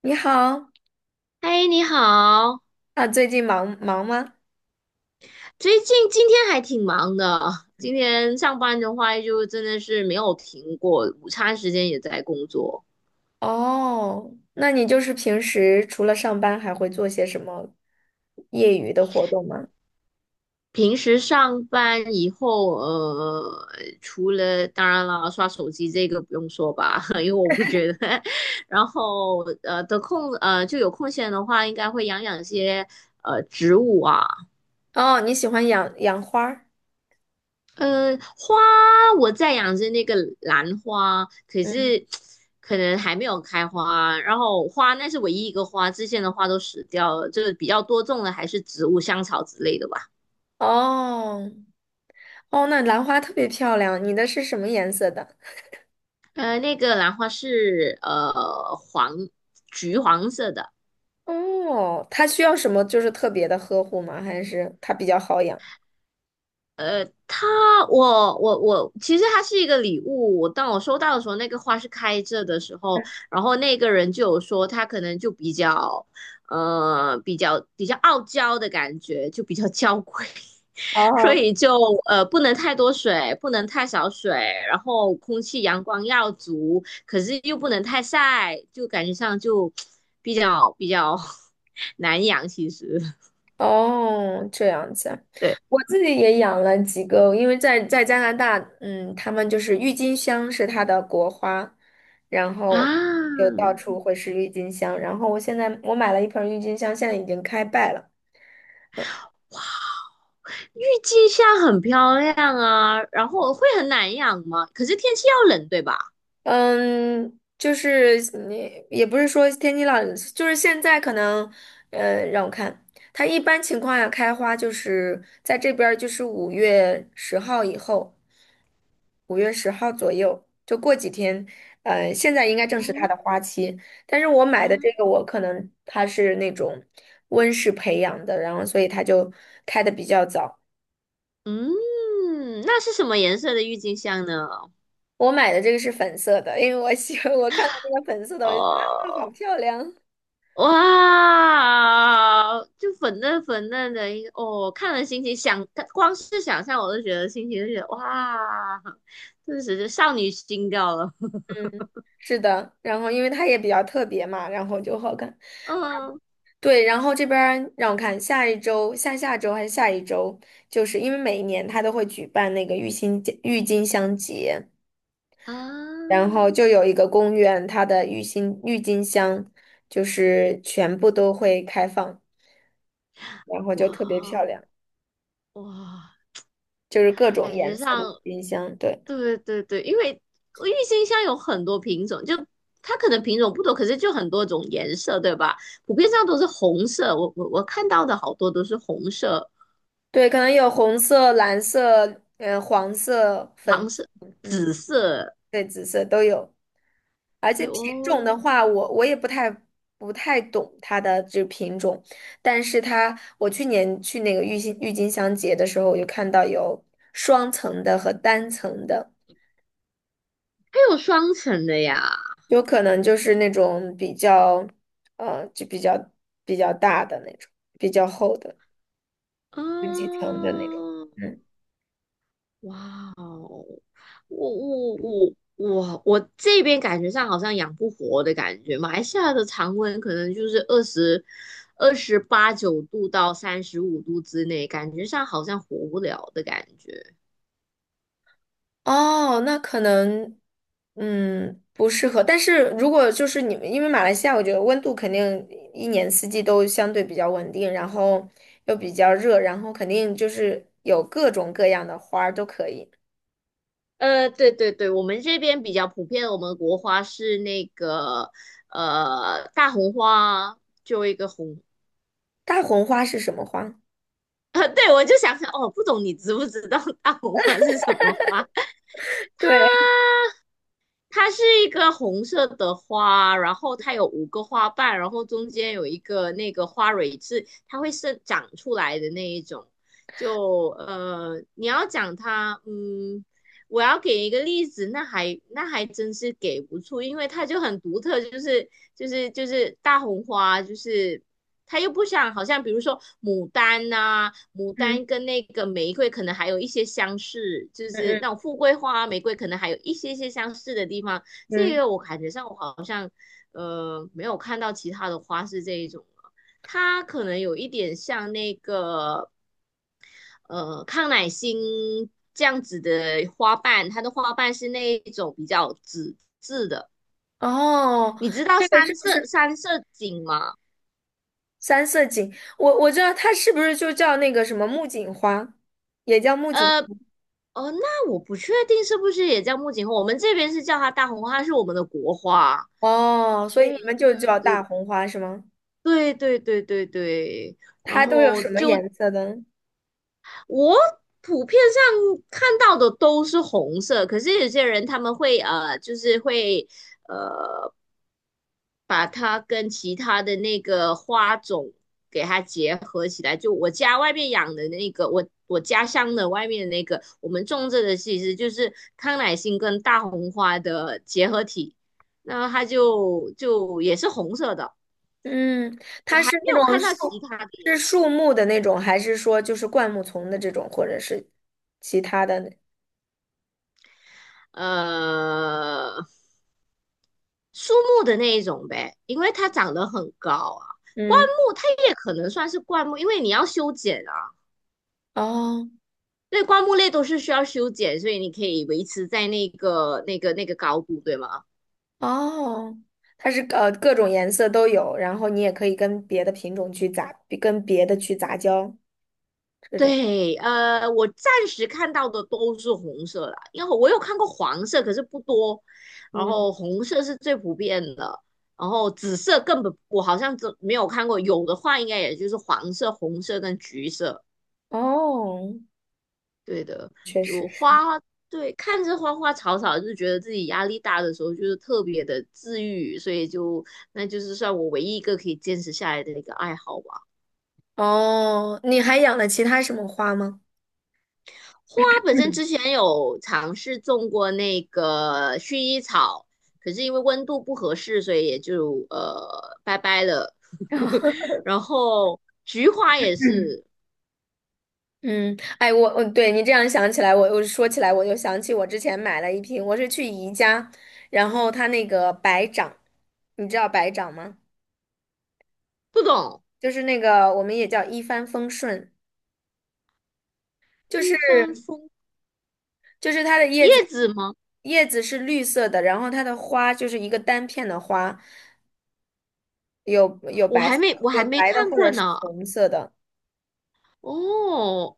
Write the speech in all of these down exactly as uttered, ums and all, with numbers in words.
你好。嗨，你好。啊，最近忙忙吗？最近今天还挺忙的，今天上班的话就真的是没有停过，午餐时间也在工作。哦，那你就是平时除了上班，还会做些什么业余的活动吗？平时上班以后，呃，除了当然了，刷手机这个不用说吧，因为我不觉得。然后呃，得空呃就有空闲的话，应该会养养些呃植物啊，哦，你喜欢养养花儿？呃，花我在养着那个兰花，可嗯。是可能还没有开花。然后花那是唯一一个花，之前的花都死掉了。这个比较多种的还是植物、香草之类的吧。哦，哦，那兰花特别漂亮，你的是什么颜色的？呃，那个兰花是呃黄橘黄色的。哦，它需要什么就是特别的呵护吗？还是它比较好养？它，我我我，其实它是一个礼物。我当我收到的时候，那个花是开着的时候，然后那个人就有说他可能就比较，呃，比较比较傲娇的感觉，就比较娇贵，所哦，以就呃不能太多水，不能太少水，然后空气阳光要足，可是又不能太晒，就感觉上就 比较比较 难养。其实，哦，这样子啊。对我自己也养了几个，因为在在加拿大，嗯，他们就是郁金香是它的国花，然后啊，就到处会是郁金香。然后我现在我买了一盆郁金香，现在已经开败了。郁金香很漂亮啊，然后会很难养吗？可是天气要冷，对吧？嗯，就是你也不是说天气老，就是现在可能，呃，让我看，它一般情况下开花就是在这边儿就是五月十号以后。五月十号左右，就过几天，呃，现在应该正是它哦，的花期。但是我啊，买的这个，我可能它是那种温室培养的，然后所以它就开的比较早。嗯，那是什么颜色的郁金香呢？我买的这个是粉色的，因为我喜欢，我看到这个粉色的，我就觉得啊，哦，好漂亮。哇，就粉嫩粉嫩的一个，哦，看了心情想，光是想象我都觉得心情就觉得哇，顿时就少女心掉了。是的，然后因为它也比较特别嘛，然后就好看。嗯对，然后这边儿让我看，下一周、下下周还是下一周，就是因为每一年它都会举办那个郁金郁金香节。啊，然后就有一个公园，它的郁金郁金香就是全部都会开放，然后就哇特别漂哦，亮，哇，就是各种感觉颜色的上郁金香。对。对对对，因为郁金香有很多品种，就它可能品种不多，可是就很多种颜色，对吧？普遍上都是红色，我我我看到的好多都是红色、对，可能有红色、蓝色、呃，黄色、粉黄色。色、嗯，紫，而且品哦，种的话，我我也不太不太懂它的这品种，但是它我去年去那个郁金郁金香节的时候，我就看到有双层的和单层的。还有双层的呀。有可能就是那种比较，呃，就比较比较大的那种，比较厚的，十几层的那种。嗯，嗯。哇哦，我我我我我这边感觉上好像养不活的感觉，马来西亚的常温可能就是二十二十八九度到三十五度之内，感觉上好像活不了的感觉。哦，那可能，嗯，不适合。但是如果就是你们，因为马来西亚，我觉得温度肯定一年四季都相对比较稳定，然后又比较热，然后肯定就是有各种各样的花儿都可以。呃，对对对，我们这边比较普遍的，我们的国花是那个呃大红花，就一个红。大红花是什么花？呃，对，我就想想，哦，不懂你知不知道大红花是什么花？对，它是一个红色的花，然后它有五个花瓣，然后中间有一个那个花蕊是它会生长出来的那一种。就呃，你要讲它，嗯，我要给一个例子，那还那还真是给不出，因为它就很独特，就是就是就是大红花，就是他又不想，好像比如说牡丹呐、牡嗯丹跟那个玫瑰可能还有一些相似，就是那嗯种富贵花、玫瑰可能还有一些些相似的地方。嗯这嗯，个我感觉上我好像呃没有看到其他的花是这一种了，它可能有一点像那个呃康乃馨这样子的花瓣，它的花瓣是那一种比较纸质的。哦，你知道这个是三不色是？三色堇吗？三色堇，我我知道它是不是就叫那个什么木槿花，也叫木槿。哦，那我不确定是不是也叫木槿花，我们这边是叫它大红花，它是我们的国花，哦，所所以以你们就对叫大对红花是吗？对对对对对，然它都有后什么就颜色的？我普遍上看到的都是红色，可是有些人他们会呃，就是会把它跟其他的那个花种给它结合起来。就我家外面养的那个，我我家乡的外面的那个，我们种这个其实就是康乃馨跟大红花的结合体，那它就就也是红色的。嗯，我它还是没那有种看到树，其他的是颜色，树木的那种，还是说就是灌木丛的这种，或者是其他的呢？呃，树木的那一种呗，因为它长得很高啊。灌嗯。木它也可能算是灌木，因为你要修剪啊。哦。对，灌木类都是需要修剪，所以你可以维持在那个、那个、那个高度，对吗？哦，它是呃各种颜色都有，然后你也可以跟别的品种去杂，跟别的去杂交这种。对，呃，我暂时看到的都是红色啦，因为我有看过黄色，可是不多。然嗯。后红色是最普遍的，然后紫色根本我好像只没有看过，有的话应该也就是黄色、红色跟橘色。哦，对的，确实就是。花，对，看着花花草草，就觉得自己压力大的时候，就是特别的治愈，所以就那就是算我唯一一个可以坚持下来的一个爱好吧。哦，你还养了其他什么花吗？花本身嗯。 之前有尝试种过那个薰衣草，可是因为温度不合适，所以也就呃拜拜了。然后菊花也嗯，是嗯，哎，我我对你这样想起来，我我说起来，我就想起我之前买了一瓶，我是去宜家，然后它那个白掌，你知道白掌吗？不懂，就是那个我们也叫一帆风顺，就一是帆风就是它的叶叶子，子吗？叶子是绿色的，然后它的花就是一个单片的花，有有我白还色，没我有还没白的看或过者是呢。红色的。哦，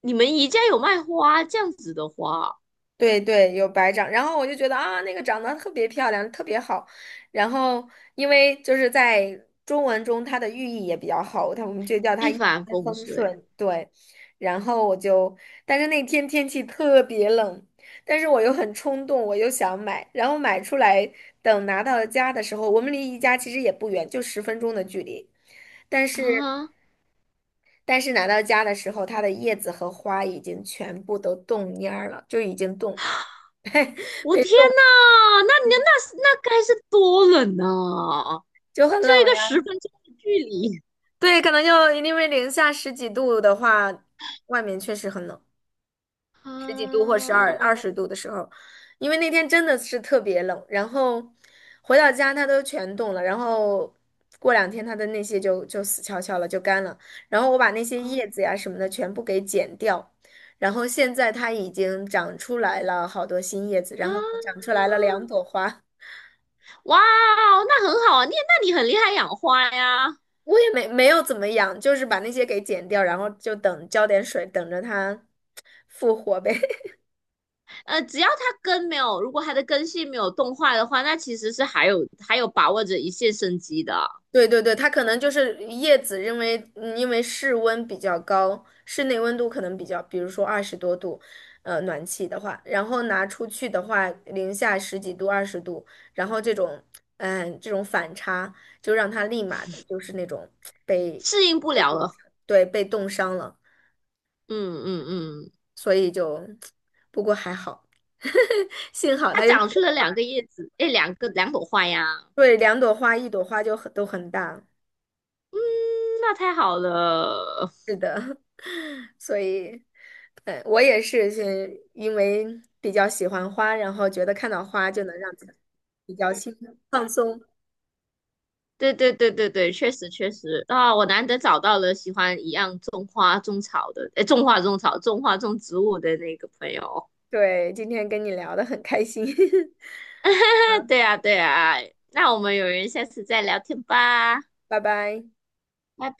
你们宜家有卖花这样子的花，对对，有白掌，然后我就觉得啊，那个长得特别漂亮，特别好。然后因为就是在中文中，它的寓意也比较好，它我们就叫它一一帆帆风风顺顺。对，然后我就，但是那天天气特别冷，但是我又很冲动，我又想买，然后买出来，等拿到家的时候，我们离宜家其实也不远，就十分钟的距离。但是啊！但是拿到家的时候，它的叶子和花已经全部都冻蔫儿了，就已经冻，我天呐，那你那那该是多冷呐，就很就冷。一个十呀。分钟的距离对，可能就因为零下十几度的话，外面确实很冷，十几度啊或十二二十度的时候，因为那天真的是特别冷，然后回到家它都全冻了，然后过两天它的那些就就死翘翘了，就干了，然后我把那些叶子啊呀什么的全部给剪掉，然后现在它已经长出来了好多新叶子，啊！然后还长出来了两朵花。哇哦那很好啊，你那你很厉害养花呀。我也没没有怎么养，就是把那些给剪掉，然后就等浇点水，等着它复活呗。呃，只要它根没有，如果它的根系没有冻坏的话，那其实是还有还有把握着一线生机的，对对对，它可能就是叶子，因为嗯因为室温比较高，室内温度可能比较，比如说二十多度，呃，暖气的话，然后拿出去的话，零下十几度、二十度，然后这种，嗯，这种反差就让它立马的就是那种被适应不被了冻了。伤，对，被冻伤了，嗯嗯嗯。所以就，不过还好，幸好它它有，长出了两个叶子，哎，两个两朵花呀，对，两朵花，一朵花就很都很大。嗯那太好了。是的，所以，呃，我也是，是因为比较喜欢花，然后觉得看到花就能让自己比较心放松。对对对对对，确实确实啊，我难得找到了喜欢一样种花种草的，哎，种花种草、种花种植物的那个朋友。对，今天跟你聊得很开心，对啊对啊，哎那我们有缘下次再聊天吧，拜拜。拜拜。